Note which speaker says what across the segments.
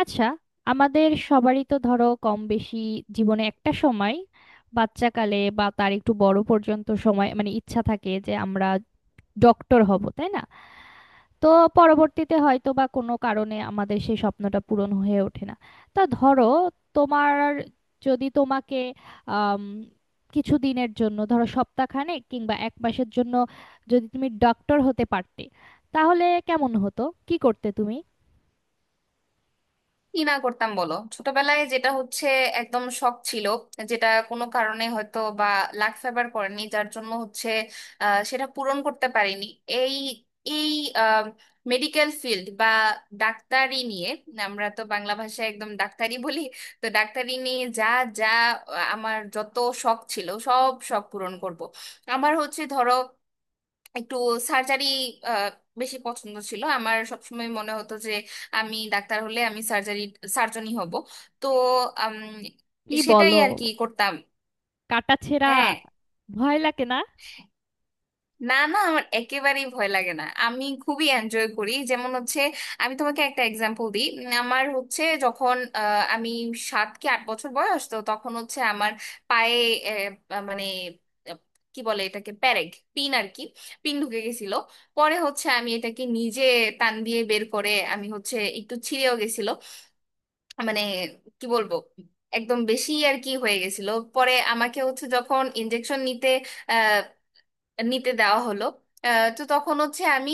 Speaker 1: আচ্ছা, আমাদের সবারই তো ধরো কম বেশি জীবনে একটা সময়, বাচ্চাকালে বা তার একটু বড় পর্যন্ত সময় মানে ইচ্ছা থাকে যে আমরা ডক্টর হব, তাই না? তো পরবর্তীতে হয়তো বা কোনো কারণে আমাদের সেই স্বপ্নটা পূরণ হয়ে ওঠে না। তা ধরো, তোমার, যদি তোমাকে আম, কিছু দিনের জন্য, ধরো সপ্তাহখানেক কিংবা এক মাসের জন্য যদি তুমি ডক্টর হতে পারতে, তাহলে কেমন হতো? কি করতে তুমি?
Speaker 2: কি না করতাম বলো? ছোটবেলায় যেটা হচ্ছে একদম শখ ছিল, যেটা কোনো কারণে হয়তো বা লাক ফেভার করেনি, যার জন্য হচ্ছে আহ, সেটা পূরণ করতে পারিনি। এই এই মেডিকেল ফিল্ড বা ডাক্তারি নিয়ে, আমরা তো বাংলা ভাষায় একদম ডাক্তারি বলি। তো ডাক্তারি নিয়ে যা যা আহ, আমার যত শখ ছিল, সব শখ পূরণ করব। আমার হচ্ছে ধরো একটু সার্জারি বেশি পছন্দ ছিল, আমার সবসময় মনে হতো যে আমি ডাক্তার হলে আমি সার্জনই হব। তো উম,
Speaker 1: কি
Speaker 2: সেটাই
Speaker 1: বলো,
Speaker 2: আর কি করতাম।
Speaker 1: কাটাছেঁড়া
Speaker 2: হ্যাঁ,
Speaker 1: ভয় লাগে না?
Speaker 2: না, না, আমার একেবারেই ভয় লাগে না, আমি খুবই এনজয় করি, যেমন হচ্ছে আমি তোমাকে একটা এক্সাম্পল দিই। আমার হচ্ছে যখন আহ, আমি 7 কি 8 বছর বয়স, তো তখন হচ্ছে আমার পায়ে আহ, মানে আহ, কি বলে এটাকে, পিন আর কি, পিন ঢুকে গেছিল। পরে হচ্ছে আমি এটাকে নিজে টান দিয়ে বের করে, আমি হচ্ছে একটু ছিঁড়েও গেছিল, মানে কি বলবো, একদম বেশি আর কি হয়ে গেছিল। পরে আমাকে হচ্ছে যখন ইনজেকশন নিতে নিতে দেওয়া হলো, আহ, তো তখন হচ্ছে আমি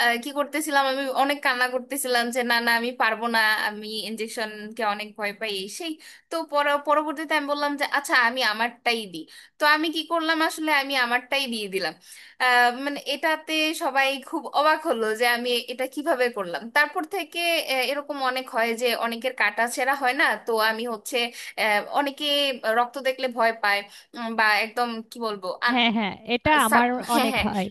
Speaker 2: আহ, কি করতেছিলাম, আমি অনেক কান্না করতেছিলাম যে না না আমি পারবো না, আমি ইনজেকশনকে অনেক ভয় পাই এই সেই। তো পরবর্তীতে আমি বললাম যে আচ্ছা আমি আমারটাই দিই। তো আমি কি করলাম আসলে, আমি আমারটাই দিয়ে দিলাম। আহ, মানে এটাতে সবাই খুব অবাক হলো যে আমি এটা কিভাবে করলাম। তারপর থেকে আহ, এরকম অনেক হয় যে অনেকের কাটা ছেঁড়া হয় না, তো আমি হচ্ছে আহ, অনেকে রক্ত দেখলে ভয় পায়, বা একদম কি বলবো।
Speaker 1: হ্যাঁ, হ্যাঁ, এটা আমার
Speaker 2: হ্যাঁ,
Speaker 1: অনেক
Speaker 2: হ্যাঁ।
Speaker 1: হয়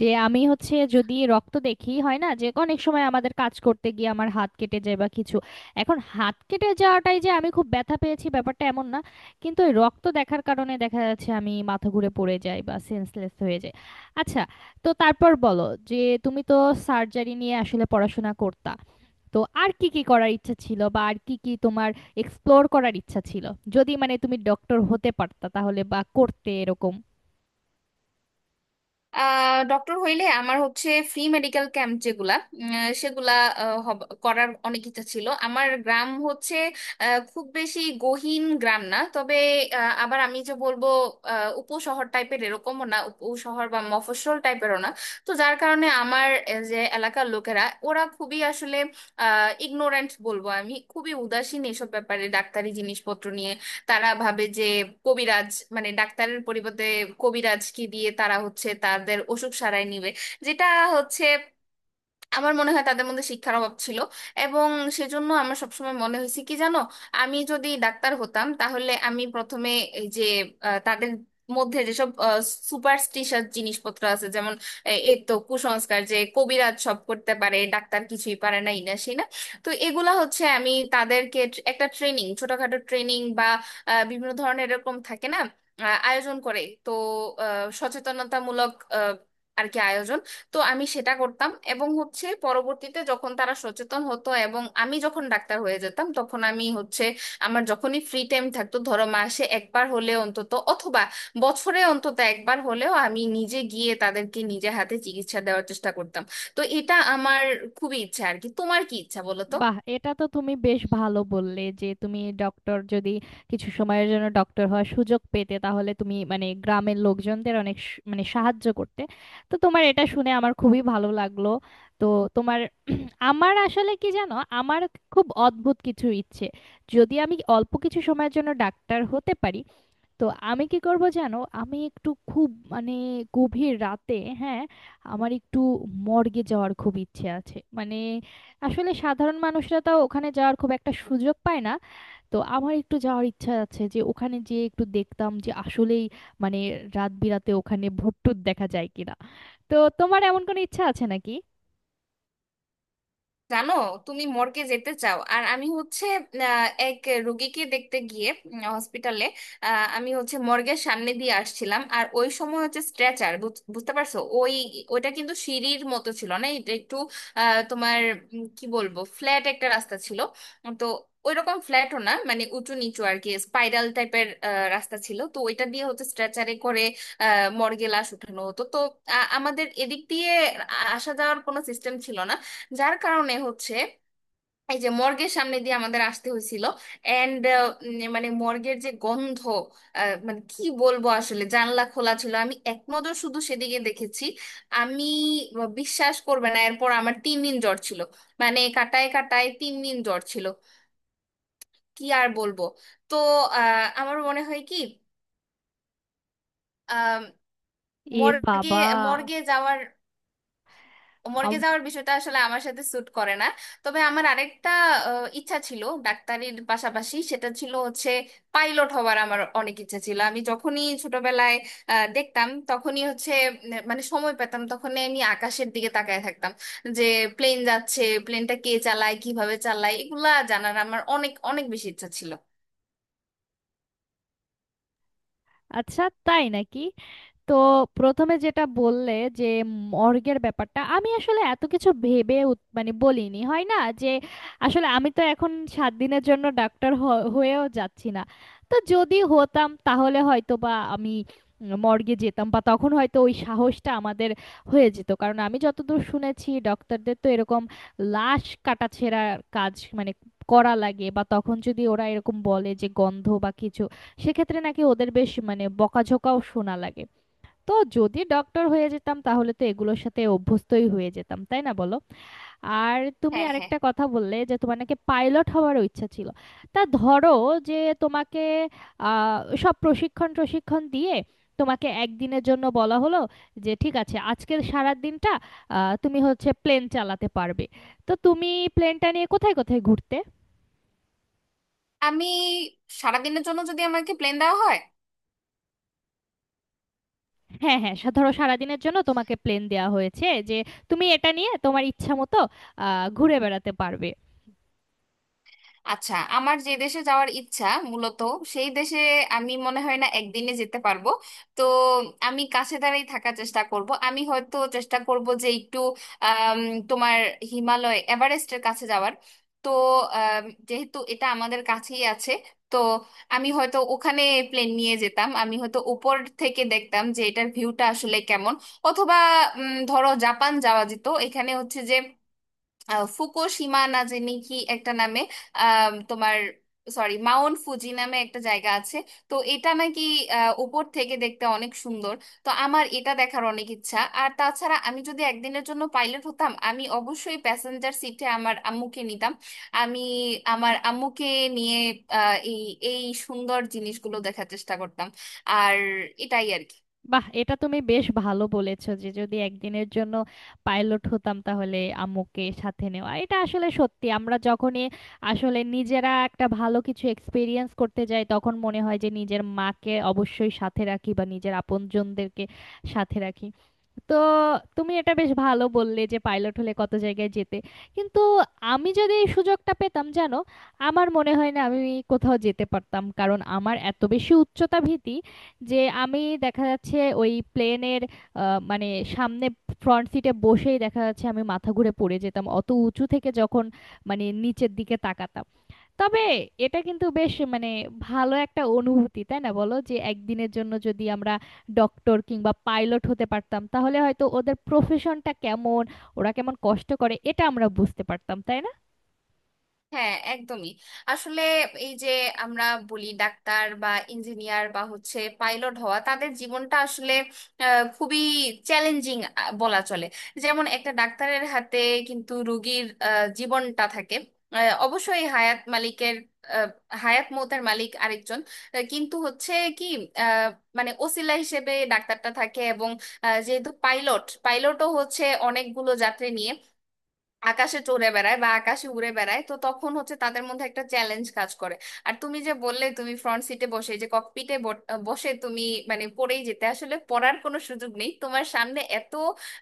Speaker 1: যে আমি হচ্ছে, যদি রক্ত দেখি, হয় না যে অনেক সময় আমাদের কাজ করতে গিয়ে আমার হাত কেটে যায় বা কিছু। এখন হাত কেটে যাওয়াটাই যে আমি খুব ব্যথা পেয়েছি ব্যাপারটা এমন না, কিন্তু ওই রক্ত দেখার কারণে দেখা যাচ্ছে আমি মাথা ঘুরে পড়ে যাই বা সেন্সলেস হয়ে যাই। আচ্ছা, তো তারপর বলো যে তুমি তো সার্জারি নিয়ে আসলে পড়াশোনা করতা, তো আর কি কি করার ইচ্ছা ছিল বা আর কি কি তোমার এক্সপ্লোর করার ইচ্ছা ছিল যদি মানে তুমি ডক্টর হতে পারতা, তাহলে বা করতে এরকম?
Speaker 2: ডক্টর হইলে আমার হচ্ছে ফ্রি মেডিকেল ক্যাম্প যেগুলা, উম, সেগুলা আহ, হব- করার অনেক ইচ্ছা ছিল। আমার গ্রাম হচ্ছে আহ, খুব বেশি গহীন গ্রাম না, তবে আহ, আবার আমি যে বলবো আহ, উপশহর টাইপের এরকমও না, উপশহর বা মফস্বল টাইপেরও না। তো যার কারণে আমার আহ, যে এলাকার লোকেরা, ওরা খুবই আসলে ইগনোরেন্ট বলবো আমি, খুবই উদাসীন এসব ব্যাপারে, ডাক্তারি জিনিসপত্র নিয়ে। তারা ভাবে যে কবিরাজ, মানে ডাক্তারের পরিবর্তে কবিরাজ কি দিয়ে তারা হচ্ছে তাদের অসুখ সারায় নিবে। যেটা হচ্ছে আমার মনে হয় তাদের মধ্যে শিক্ষার অভাব ছিল। এবং সেজন্য আমার সবসময় মনে হয়েছে কি জানো, আমি যদি ডাক্তার হতাম তাহলে আমি প্রথমে এই যে আহ, তাদের মধ্যে যেসব সুপারস্টিশাস জিনিসপত্র আছে, যেমন আহ, এই তো কুসংস্কার যে কবিরাজ সব করতে পারে, ডাক্তার কিছুই পারে না, ইনা সেই না, তো এগুলা হচ্ছে আমি তাদেরকে একটা ট্রেনিং, ছোটখাটো ট্রেনিং বা আহ, বিভিন্ন ধরনের এরকম থাকে না আহ, আয়োজন করে। তো আহ, সচেতনতামূলক আহ, আর কি আয়োজন, তো আমি সেটা করতাম। এবং হচ্ছে পরবর্তীতে যখন তারা সচেতন হতো এবং আমি যখন ডাক্তার হয়ে যেতাম তখন আমি হচ্ছে আমার যখনই ফ্রি টাইম থাকতো, ধরো মাসে একবার হলে অন্তত, অথবা বছরে অন্তত একবার হলেও আমি নিজে গিয়ে তাদেরকে নিজে হাতে চিকিৎসা দেওয়ার চেষ্টা করতাম। তো এটা আমার খুবই ইচ্ছা আর কি। তোমার কি ইচ্ছা বলো তো?
Speaker 1: বাহ, এটা তো তুমি বেশ ভালো বললে যে তুমি ডক্টর যদি কিছু সময়ের জন্য ডক্টর হওয়ার সুযোগ পেতে তাহলে তুমি মানে গ্রামের লোকজনদের অনেক মানে সাহায্য করতে। তো তোমার এটা শুনে আমার খুবই ভালো লাগলো। তো তোমার, আমার আসলে কি জানো, আমার খুব অদ্ভুত কিছু ইচ্ছে। যদি আমি অল্প কিছু সময়ের জন্য ডাক্তার হতে পারি, তো আমি কি করব জানো, আমি একটু খুব মানে গভীর রাতে, হ্যাঁ, আমার একটু মর্গে যাওয়ার খুব ইচ্ছে আছে। মানে আসলে সাধারণ মানুষরা তাও ওখানে যাওয়ার খুব একটা সুযোগ পায় না। তো আমার একটু যাওয়ার ইচ্ছা আছে যে ওখানে গিয়ে একটু দেখতাম যে আসলেই মানে রাত বিরাতে ওখানে ভূতটুত দেখা যায় কিনা। তো তোমার এমন কোনো ইচ্ছা আছে নাকি?
Speaker 2: জানো, তুমি মর্গে যেতে চাও, আর আমি হচ্ছে আহ, এক রোগীকে দেখতে গিয়ে হসপিটালে, আমি হচ্ছে মর্গের সামনে দিয়ে আসছিলাম। আর ওই সময় হচ্ছে স্ট্রেচার, বুঝতে পারছো, ওই ওইটা কিন্তু সিঁড়ির মতো ছিল না, এটা একটু আহ, তোমার উম, কি বলবো, ফ্ল্যাট একটা রাস্তা ছিল। তো ওইরকম ফ্ল্যাটও না, মানে উঁচু নিচু আর কি, স্পাইরাল টাইপের রাস্তা ছিল। তো ওইটা দিয়ে হচ্ছে স্ট্রেচারে করে মর্গে লাশ উঠানো হতো। তো আমাদের এদিক দিয়ে আসা যাওয়ার কোনো সিস্টেম ছিল না, যার কারণে হচ্ছে এই যে মর্গের সামনে দিয়ে আমাদের আসতে হয়েছিল। এন্ড মানে মর্গের যে গন্ধ, আহ, মানে কি বলবো, আসলে জানলা খোলা ছিল, আমি এক নজর শুধু সেদিকে দেখেছি। আমি বিশ্বাস করবে না, এরপর আমার 3 দিন জ্বর ছিল, মানে কাটায় কাটায় 3 দিন জ্বর ছিল। কি আর বলবো। তো আহ, আমার মনে হয় কি আহ,
Speaker 1: এ
Speaker 2: মর্গে
Speaker 1: বাবা!
Speaker 2: মর্গে যাওয়ার মর্গে
Speaker 1: আম-
Speaker 2: যাওয়ার বিষয়টা আসলে আমার সাথে স্যুট করে না। তবে আমার আরেকটা আহ, ইচ্ছা ছিল ডাক্তারির পাশাপাশি, সেটা ছিল হচ্ছে পাইলট হওয়ার। আমার অনেক ইচ্ছা ছিল, আমি যখনই ছোটবেলায় আহ, দেখতাম তখনই হচ্ছে মানে সময় পেতাম তখনই আমি আকাশের দিকে তাকায় থাকতাম যে প্লেন যাচ্ছে, প্লেনটা কে চালায়, কিভাবে চালায়, এগুলা জানার আমার অনেক অনেক বেশি ইচ্ছা ছিল।
Speaker 1: আচ্ছা, তাই নাকি? তো প্রথমে যেটা বললে যে মর্গের ব্যাপারটা, আমি আসলে এত কিছু ভেবে মানে বলিনি, হয় না যে আসলে আমি তো এখন সাত দিনের জন্য ডাক্তার হয়েও যাচ্ছি না। তো যদি হতাম তাহলে হয়তো বা আমি মর্গে যেতাম বা তখন হয়তো ওই সাহসটা আমাদের হয়ে যেত, কারণ আমি যতদূর শুনেছি ডক্টরদের তো এরকম লাশ কাটাছেঁড়ার কাজ মানে করা লাগে। বা তখন যদি ওরা এরকম বলে যে গন্ধ বা কিছু, সেক্ষেত্রে নাকি ওদের বেশ মানে বকাঝকাও শোনা লাগে। তো যদি ডক্টর হয়ে যেতাম তাহলে তো এগুলোর সাথে অভ্যস্তই হয়ে যেতাম, তাই না বলো? আর তুমি
Speaker 2: হ্যাঁ, হ্যাঁ।
Speaker 1: আরেকটা কথা বললে যে তোমার নাকি পাইলট হওয়ারও ইচ্ছা ছিল। তা ধরো যে তোমাকে সব প্রশিক্ষণ প্রশিক্ষণ দিয়ে তোমাকে একদিনের জন্য বলা হলো যে ঠিক আছে, আজকের সারা দিনটা তুমি হচ্ছে প্লেন চালাতে পারবে। তো তুমি প্লেনটা নিয়ে কোথায় কোথায় ঘুরতে?
Speaker 2: আমি সারাদিনের জন্য যদি আমাকে প্লেন দেওয়া হয়,
Speaker 1: হ্যাঁ, হ্যাঁ, ধরো সারাদিনের জন্য তোমাকে প্লেন দেওয়া হয়েছে যে তুমি এটা নিয়ে তোমার ইচ্ছা মতো ঘুরে বেড়াতে পারবে।
Speaker 2: আচ্ছা আমার যে দেশে যাওয়ার ইচ্ছা মূলত, সেই দেশে আমি মনে হয় না একদিনে যেতে পারবো। তো আমি কাছে দাঁড়াই থাকার চেষ্টা করব, আমি হয়তো চেষ্টা করব যে একটু আম, তোমার হিমালয় এভারেস্টের কাছে যাওয়ার। তো আম, যেহেতু এটা আমাদের কাছেই আছে, তো আমি হয়তো ওখানে প্লেন নিয়ে যেতাম, আমি হয়তো উপর থেকে দেখতাম যে এটার ভিউটা আসলে কেমন। অথবা ধরো জাপান যাওয়া যেত, এখানে হচ্ছে আহ, ফুকুশিমা না জানি কি একটা নামে আহ, তোমার সরি মাউন্ট ফুজি নামে একটা জায়গা আছে। তো এটা নাকি আহ, উপর থেকে দেখতে অনেক সুন্দর, তো আমার এটা দেখার অনেক ইচ্ছা। আর তাছাড়া আমি যদি একদিনের জন্য পাইলট হতাম, আমি অবশ্যই প্যাসেঞ্জার সিটে আমার আম্মুকে নিতাম। আমি আমার আম্মুকে নিয়ে আহ, এই এই সুন্দর জিনিসগুলো দেখার চেষ্টা করতাম। আর এটাই আর কি।
Speaker 1: বাহ, এটা তুমি বেশ ভালো বলেছো যে যদি একদিনের জন্য পাইলট হতাম তাহলে আম্মুকে সাথে নেওয়া, এটা আসলে সত্যি। আমরা যখনই আসলে নিজেরা একটা ভালো কিছু এক্সপিরিয়েন্স করতে যাই তখন মনে হয় যে নিজের মাকে অবশ্যই সাথে রাখি বা নিজের আপনজনদেরকে সাথে রাখি। তো তুমি এটা বেশ ভালো বললে যে পাইলট হলে কত জায়গায় যেতে, কিন্তু আমি যদি এই সুযোগটা পেতাম জানো আমার মনে হয় না আমি কোথাও যেতে পারতাম, কারণ আমার এত বেশি উচ্চতা ভীতি যে আমি দেখা যাচ্ছে ওই প্লেনের মানে সামনে ফ্রন্ট সিটে বসেই দেখা যাচ্ছে আমি মাথা ঘুরে পড়ে যেতাম অত উঁচু থেকে যখন মানে নিচের দিকে তাকাতাম। তবে এটা কিন্তু বেশ মানে ভালো একটা অনুভূতি, তাই না বলো? যে একদিনের জন্য যদি আমরা ডক্টর কিংবা পাইলট হতে পারতাম তাহলে হয়তো ওদের প্রফেশনটা কেমন, ওরা কেমন কষ্ট করে এটা আমরা বুঝতে পারতাম, তাই না?
Speaker 2: হ্যাঁ একদমই। আসলে এই যে আমরা বলি ডাক্তার বা ইঞ্জিনিয়ার বা হচ্ছে পাইলট হওয়া, তাদের জীবনটা আসলে আহ, খুবই চ্যালেঞ্জিং বলা চলে। যেমন একটা ডাক্তারের হাতে কিন্তু রোগীর আহ, জীবনটা থাকে, আহ, অবশ্যই হায়াত মালিকের, আহ, হায়াত মৌতের মালিক আরেকজন, আহ, কিন্তু হচ্ছে কি আহ, মানে ওসিলা হিসেবে ডাক্তারটা থাকে। এবং আহ, যেহেতু পাইলটও হচ্ছে অনেকগুলো যাত্রী নিয়ে আকাশে চড়ে বেড়ায় বা আকাশে উড়ে বেড়ায়, তো তখন হচ্ছে তাদের মধ্যে একটা চ্যালেঞ্জ কাজ করে। আর তুমি যে বললে তুমি ফ্রন্ট সিটে বসে, এই যে ককপিটে বসে তুমি মানে পড়েই যেতে, আসলে পড়ার কোনো সুযোগ নেই, তোমার সামনে এত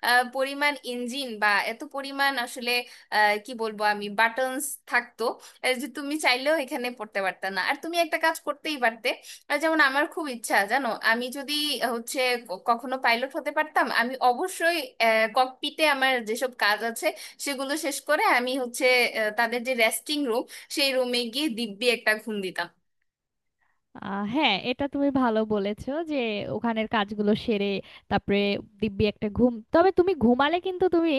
Speaker 2: আহ, পরিমাণ ইঞ্জিন বা এত পরিমাণ আসলে আহ, কি বলবো আমি, বাটনস থাকতো আহ, যে তুমি চাইলেও এখানে পড়তে পারতে না, আর তুমি একটা কাজ করতেই পারতে। আর যেমন আমার খুব ইচ্ছা জানো, আমি যদি আহ, হচ্ছে ক- কখনো পাইলট হতে পারতাম, আমি অবশ্যই ককপিটে আমার যেসব কাজ আছে সেগুলো শেষ করে আমি হচ্ছে আহ, তাদের যে রেস্টিং রুম, সেই রুমে গিয়ে দিব্যি একটা ঘুম দিতাম।
Speaker 1: হ্যাঁ, এটা তুমি ভালো বলেছো যে ওখানের কাজগুলো সেরে তারপরে দিব্যি একটা ঘুম। তবে তুমি ঘুমালে কিন্তু তুমি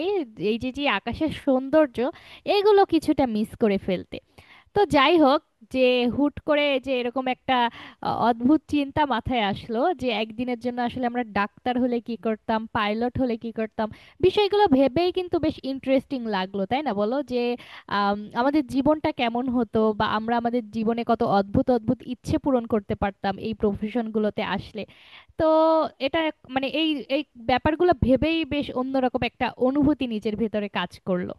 Speaker 1: এই যে যে আকাশের সৌন্দর্য, এগুলো কিছুটা মিস করে ফেলতে। তো যাই হোক, যে হুট করে যে এরকম একটা অদ্ভুত চিন্তা মাথায় আসলো যে একদিনের জন্য আসলে আমরা ডাক্তার হলে কি করতাম, পাইলট হলে কি করতাম, বিষয়গুলো ভেবেই কিন্তু বেশ ইন্টারেস্টিং লাগলো, তাই না বলো? যে আমাদের জীবনটা কেমন হতো বা আমরা আমাদের জীবনে কত অদ্ভুত অদ্ভুত ইচ্ছে পূরণ করতে পারতাম এই প্রফেশনগুলোতে আসলে। তো এটা মানে এই, এই ব্যাপারগুলো ভেবেই বেশ অন্যরকম একটা অনুভূতি নিজের ভেতরে কাজ করলো।